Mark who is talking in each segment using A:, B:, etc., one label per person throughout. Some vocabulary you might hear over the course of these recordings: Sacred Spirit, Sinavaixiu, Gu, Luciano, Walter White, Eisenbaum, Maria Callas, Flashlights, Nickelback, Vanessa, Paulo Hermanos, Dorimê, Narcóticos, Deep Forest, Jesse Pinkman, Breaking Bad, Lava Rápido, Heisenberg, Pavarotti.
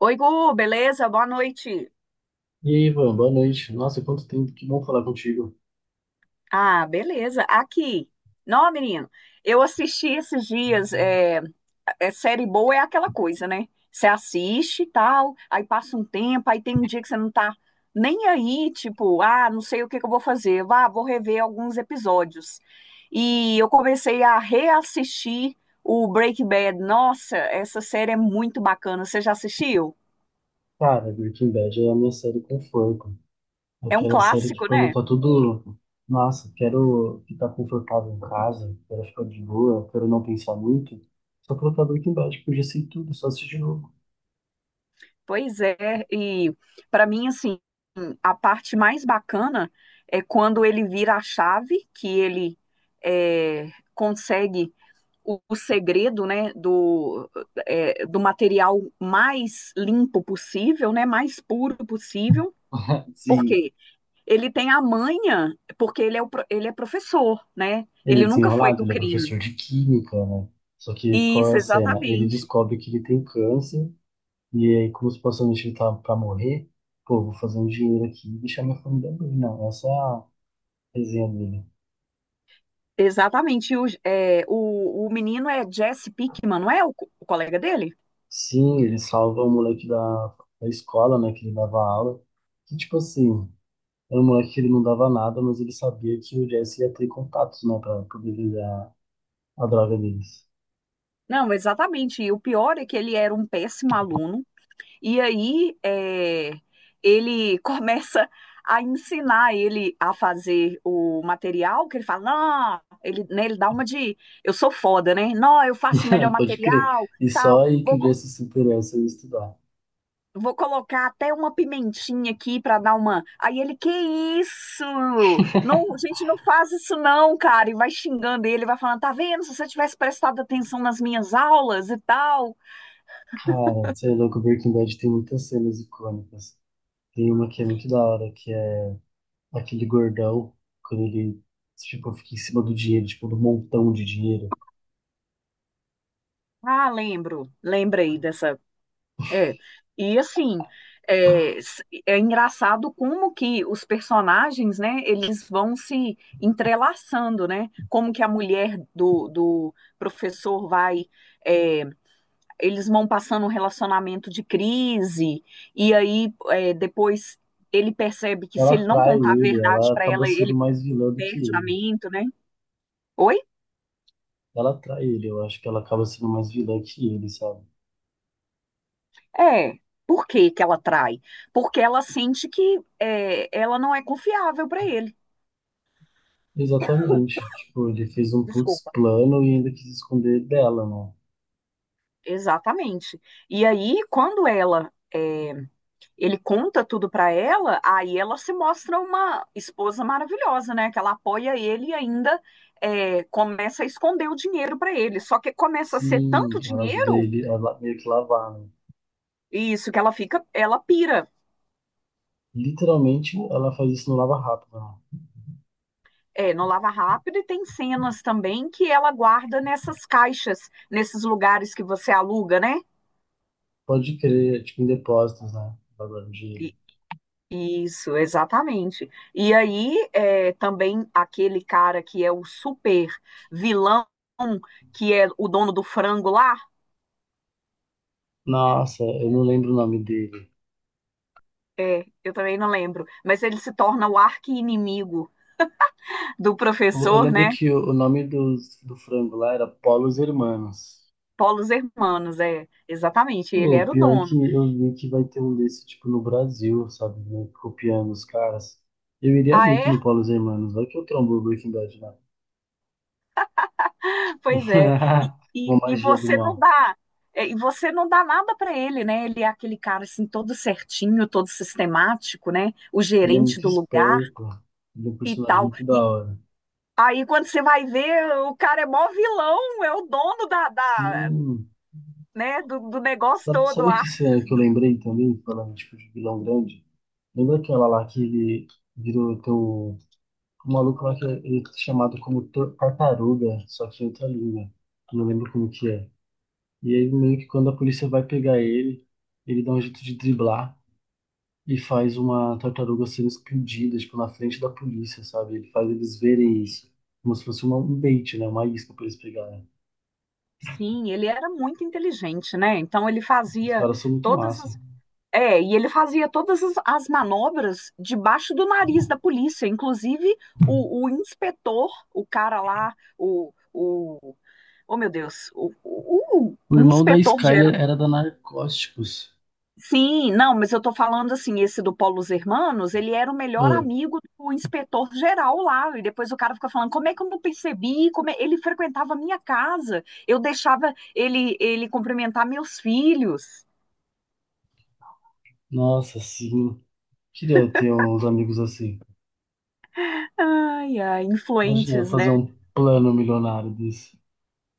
A: Oi, Gu, beleza? Boa noite.
B: E aí, Ivan, boa noite. Nossa, quanto tempo, que bom falar contigo.
A: Ah, beleza. Aqui. Não, menino, eu assisti esses dias. Série boa é aquela coisa, né? Você assiste e tal, aí passa um tempo, aí tem um dia que você não tá nem aí, tipo, ah, não sei o que que eu vou fazer. Vá, vou rever alguns episódios. E eu comecei a reassistir o Breaking Bad. Nossa, essa série é muito bacana. Você já assistiu?
B: Cara, Breaking Bad é a minha série conforto.
A: É um
B: Aquela série que
A: clássico,
B: quando
A: né?
B: tá tudo, nossa, quero ficar confortável em casa, quero ficar de boa, quero não pensar muito. Só colocar Breaking Bad, porque eu já sei tudo, só assistir de novo.
A: Pois é, e para mim, assim, a parte mais bacana é quando ele vira a chave, que ele consegue o segredo, né, do do material mais limpo possível, né, mais puro possível. Por
B: Sim,
A: quê? Ele tem a manha, porque ele é professor, né?
B: ele é
A: Ele nunca foi
B: desenrolado,
A: do
B: ele é
A: crime.
B: professor de química, né? Só que qual é
A: Isso,
B: a cena? Ele
A: exatamente.
B: descobre que ele tem câncer, e aí, como supostamente ele tá pra morrer, pô, vou fazer um dinheiro aqui e deixar minha família bem. Não, essa é a resenha dele.
A: Exatamente. O menino é Jesse Pinkman, não é o colega dele?
B: Sim, ele salva o moleque da escola, né, que ele dava aula. Que, tipo assim, era um moleque que ele não dava nada, mas ele sabia que o Jesse ia ter contatos, né, pra poder vender a droga deles.
A: Não, exatamente. E o pior é que ele era um péssimo aluno, e aí é, ele começa a ensinar ele a fazer o material, que ele fala, não, ele dá uma de, eu sou foda, né? Não, eu faço o melhor
B: Pode crer.
A: material,
B: E só
A: tal,
B: aí que o Jesse se interessa em estudar.
A: vou colocar até uma pimentinha aqui para dar uma... Aí ele, que isso? Não, gente, não faz isso não, cara. E vai xingando ele, vai falando, tá vendo? Se você tivesse prestado atenção nas minhas aulas e tal...
B: Cara, você é louco, Breaking Bad tem muitas cenas icônicas. Tem uma que é muito da hora, que é aquele gordão, quando ele, tipo, fica em cima do dinheiro, tipo, do montão de dinheiro.
A: Ah, lembro, lembrei dessa. É. E assim, é engraçado como que os personagens, né, eles vão se entrelaçando, né? Como que a mulher do professor vai. É, eles vão passando um relacionamento de crise, depois ele percebe que se
B: Ela
A: ele não
B: atrai
A: contar a
B: ele,
A: verdade
B: ela
A: para
B: acaba
A: ela,
B: sendo
A: ele
B: mais vilã do
A: perde
B: que
A: o
B: ele.
A: casamento, né? Oi?
B: Ela trai ele, eu acho que ela acaba sendo mais vilã que ele, sabe?
A: É. Por que que ela trai? Porque ela sente que ela não é confiável para ele.
B: Exatamente, tipo, ele fez um putz
A: Desculpa.
B: plano e ainda quis esconder dela, né?
A: Exatamente. E aí, quando ela é, ele conta tudo para ela, aí ela se mostra uma esposa maravilhosa, né? Que ela apoia ele e ainda começa a esconder o dinheiro para ele. Só que começa a ser
B: Sim,
A: tanto
B: ela ajuda
A: dinheiro,
B: ele a meio que lavar, né?
A: e isso que ela fica, ela pira.
B: Literalmente, ela faz isso no lava-rápido, né?
A: É, no Lava Rápido, e tem cenas também que ela guarda nessas caixas, nesses lugares que você aluga, né?
B: Pode crer, é tipo, em depósitos, né? Lavando dinheiro.
A: E- Isso, exatamente. Também aquele cara que é o super vilão, que é o dono do frango lá,
B: Nossa, eu não lembro o nome dele.
A: é, eu também não lembro, mas ele se torna o arqui-inimigo do
B: Eu
A: professor,
B: lembro
A: né?
B: que o nome do, do frango lá era Paulo Hermanos.
A: Paulo Hermanos, é, exatamente, ele
B: O
A: era o
B: pior é
A: dono.
B: que eu vi que vai ter um desse, tipo, no Brasil, sabe? Né, copiando os caras. Eu iria
A: Ah,
B: muito
A: é?
B: no Paulo Hermanos, vai que eu trombo o Breaking Bad lá.
A: Pois é, e,
B: Uma
A: e, e
B: magia do
A: você não
B: mal.
A: dá, e você não dá nada para ele, né? Ele é aquele cara assim todo certinho, todo sistemático, né? O
B: Ele é
A: gerente
B: muito
A: do lugar
B: esperto, ele é um
A: e
B: personagem
A: tal.
B: muito da
A: E
B: hora.
A: aí quando você vai ver, o cara é mó vilão, é o dono da,
B: Sim.
A: né, do negócio
B: Sabe,
A: todo
B: sabe
A: lá.
B: que, isso é que eu lembrei também, falando, tipo, de vilão grande? Lembra aquela lá que ele virou teu... O maluco lá que é, ele é chamado como tartaruga, só que em outra língua. Eu não lembro como que é. E aí, meio que quando a polícia vai pegar ele, ele dá um jeito de driblar e faz uma tartaruga sendo explodida, tipo, na frente da polícia, sabe? Ele faz eles verem isso. Como se fosse uma, um bait, né? Uma isca pra eles pegarem.
A: Sim, ele era muito inteligente, né? Então ele
B: Os
A: fazia
B: caras são muito
A: todas
B: massa.
A: as... É, e ele fazia todas as, as manobras debaixo do nariz da polícia, inclusive o inspetor, o cara lá, oh meu Deus,
B: O
A: o
B: irmão da
A: inspetor geral.
B: Skyler era da Narcóticos.
A: Sim, não, mas eu tô falando assim, esse do Paulo Hermanos, ele era o melhor
B: Ah,
A: amigo do inspetor geral lá, e depois o cara fica falando, como é que eu não percebi, como é- ele frequentava a minha casa, eu deixava ele, ele cumprimentar meus filhos.
B: nossa, sim. Queria ter uns amigos assim.
A: Ai, ai,
B: Imagina eu
A: influentes,
B: fazer
A: né?
B: um plano milionário desse.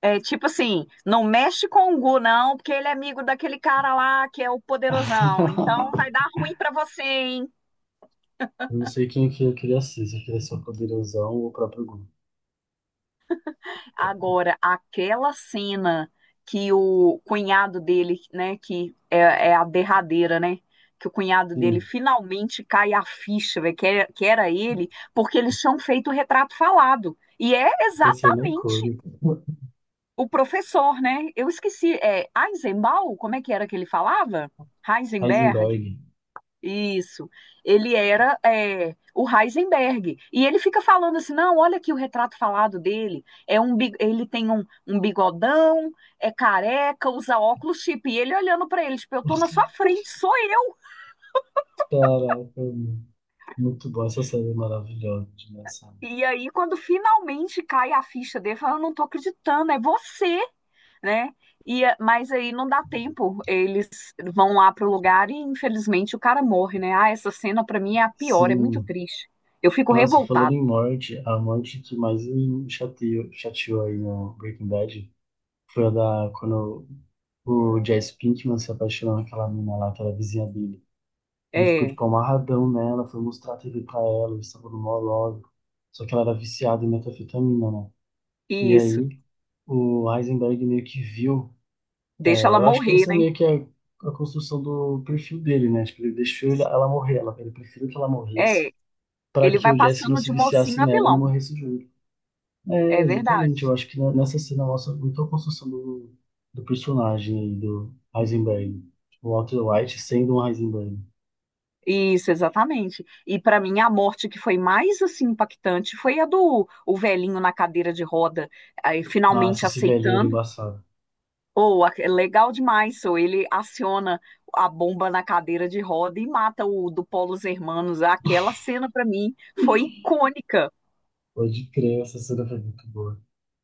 A: É tipo assim, não mexe com o Gu, não, porque ele é amigo daquele cara lá que é o poderosão. Então vai dar ruim pra você, hein?
B: Eu não sei quem que eu queria ser, se eu queria ser o poderosão ou o próprio Gu.
A: Agora, aquela cena que o cunhado dele, né, que é, é a derradeira, né? Que o cunhado dele
B: Sim.
A: finalmente cai a ficha, velho, que, é- que era ele, porque eles tinham feito o retrato falado. E é
B: Luciano é
A: exatamente
B: cômico.
A: o professor, né? Eu esqueci, é Eisenbaum? Como é que era que ele falava? Heisenberg?
B: Heisenberg.
A: Isso. Ele era é, o Heisenberg. E ele fica falando assim: não, olha aqui o retrato falado dele. É um, bi- ele tem um, um bigodão, é careca, usa óculos chip. E ele olhando pra ele, tipo, eu tô na sua frente, sou eu.
B: Caraca, mano. Muito bom, essa série é maravilhosa, engraçada.
A: E aí, quando finalmente cai a ficha dele, fala: eu não tô acreditando, é você, né? E, é, mas aí não dá tempo. Eles vão lá pro lugar e, infelizmente, o cara morre, né? Ah, essa cena pra mim é a pior, é muito
B: Sim,
A: triste. Eu fico
B: nossa, falando
A: revoltada.
B: em morte, a morte que mais me chateou, chateou aí no Breaking Bad foi a da quando o Jesse Pinkman se apaixonou naquela mina lá, aquela vizinha dele. Ele ficou
A: É.
B: tipo amarradão nela, foi mostrar a TV pra ela, eles estavam no maior logo. Só que ela era viciada em metafetamina, né? E
A: Isso,
B: aí o Heisenberg meio que viu.
A: deixa
B: É,
A: ela
B: eu acho que
A: morrer,
B: essa é
A: né?
B: meio que a construção do perfil dele, né? Acho que ele deixou ela morrer, ela, ele preferiu que ela morresse
A: É,
B: para
A: ele
B: que
A: vai
B: o Jesse não
A: passando
B: se
A: de mocinho
B: viciasse
A: a
B: nela e não
A: vilão,
B: morresse junto.
A: é
B: É,
A: verdade.
B: exatamente. Eu acho que nessa cena mostra muito a construção do, do personagem aí, do Heisenberg. O Walter White sendo um Heisenberg.
A: Isso, exatamente. E pra mim a morte que foi mais assim impactante foi a do o velhinho na cadeira de roda, aí,
B: Nossa,
A: finalmente
B: esse velhinho era
A: aceitando.
B: embaçado.
A: Ou é legal demais, so, ele aciona a bomba na cadeira de roda e mata o do Polo Hermanos. Aquela cena pra mim foi icônica,
B: Pode crer, essa cena foi muito boa.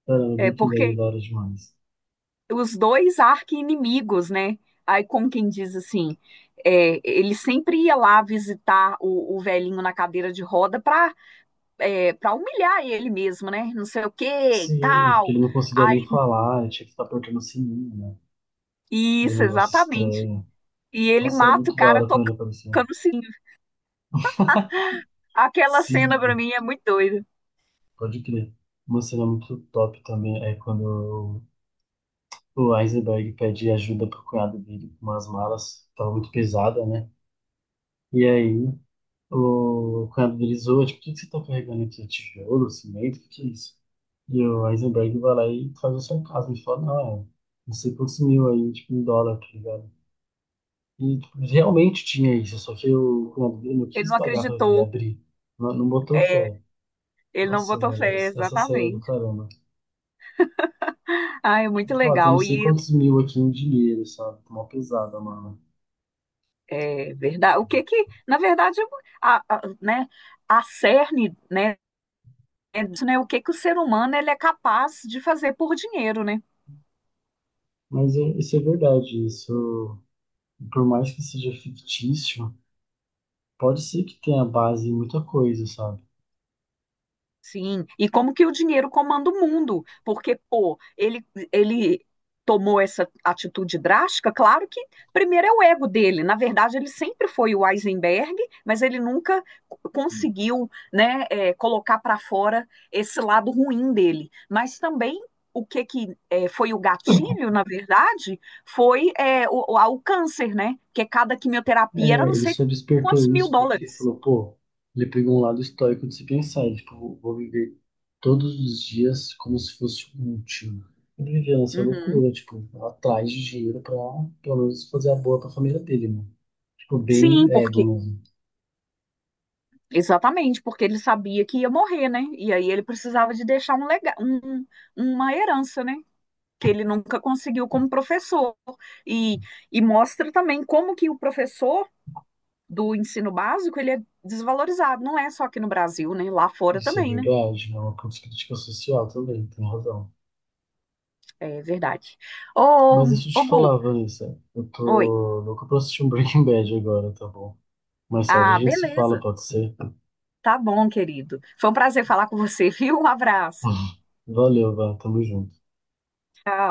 B: Caramba,
A: é
B: Breaking Bad é
A: porque
B: da hora demais.
A: os dois arqui-inimigos, né? Aí, como quem diz assim, é, ele sempre ia lá visitar o velhinho na cadeira de roda para para humilhar ele mesmo, né? Não sei o que e
B: Sim, que
A: tal.
B: ele não conseguia
A: Aí,
B: nem falar, ele tinha que ficar apertando o sininho, né? Aquele
A: isso,
B: negócio
A: exatamente.
B: estranho.
A: E ele
B: Nossa, era
A: mata o
B: muito da
A: cara
B: hora quando ele aparecia.
A: tocando o sininho. Aquela cena pra
B: Sim,
A: mim é muito doida.
B: pode crer. Uma cena muito top também é quando o Heisenberg pede ajuda pro cunhado dele com umas malas, tava muito pesada, né? E aí o cunhado dele zoa, tipo, o que que você tá carregando aqui? Tijolo, cimento, o que que é isso? E o Heisenberg vai lá e faz o sarcasmo e fala, não, não sei quantos mil aí, tipo, em dólar, tá ligado? E tipo, realmente tinha isso, só que o cunhado dele não
A: Ele
B: quis
A: não
B: pagar pra ver,
A: acreditou,
B: abrir. Não, não botou
A: é,
B: fé.
A: ele não
B: Nossa,
A: botou
B: velho,
A: fé,
B: essa série é do
A: exatamente.
B: caramba.
A: Ah, é
B: Tipo,
A: muito
B: fato, eu não
A: legal.
B: sei
A: E
B: quantos mil aqui em dinheiro, sabe? Tá, uma pesada, mano.
A: é verdade. O que que, na verdade, né, a cerne, né? É disso, né, o que que o ser humano ele é capaz de fazer por dinheiro, né?
B: Isso é verdade, isso, por mais que seja fictício, pode ser que tenha base em muita coisa, sabe?
A: Sim, e como que o dinheiro comanda o mundo? Porque, pô, ele tomou essa atitude drástica, claro que primeiro é o ego dele. Na verdade, ele sempre foi o Eisenberg, mas ele nunca conseguiu, né, é, colocar para fora esse lado ruim dele. Mas também o que que é, foi o gatilho, na verdade, foi o câncer, né? Porque cada quimioterapia era
B: É,
A: não
B: ele
A: sei
B: só despertou
A: quantos mil
B: isso porque ele
A: dólares.
B: falou, pô, ele pegou um lado estoico de se pensar, ele, tipo, vou viver todos os dias como se fosse o último. Ele vivia nessa
A: Uhum.
B: loucura, tipo, atrás de dinheiro pra, pelo menos, fazer a boa pra família dele, mano. Tipo, bem
A: Sim,
B: ego.
A: porque Exatamente, porque ele sabia que ia morrer, né? E aí ele precisava de deixar uma herança, né? Que ele nunca conseguiu como professor. E, e mostra também como que o professor do ensino básico, ele é desvalorizado. Não é só aqui no Brasil, né? Lá fora
B: Isso é
A: também, né?
B: verdade, não é uma crítica social também, tem razão.
A: É verdade. Ô,
B: Mas deixa eu
A: ô
B: te
A: Gu,
B: falar, Vanessa. Eu tô
A: oi.
B: louco pra assistir um Breaking Bad agora, tá bom? Mais tarde a
A: Ah,
B: gente se fala,
A: beleza.
B: pode ser?
A: Tá bom, querido. Foi um prazer falar com você, viu? Um abraço.
B: Valeu, Vá, tamo junto.
A: Tchau.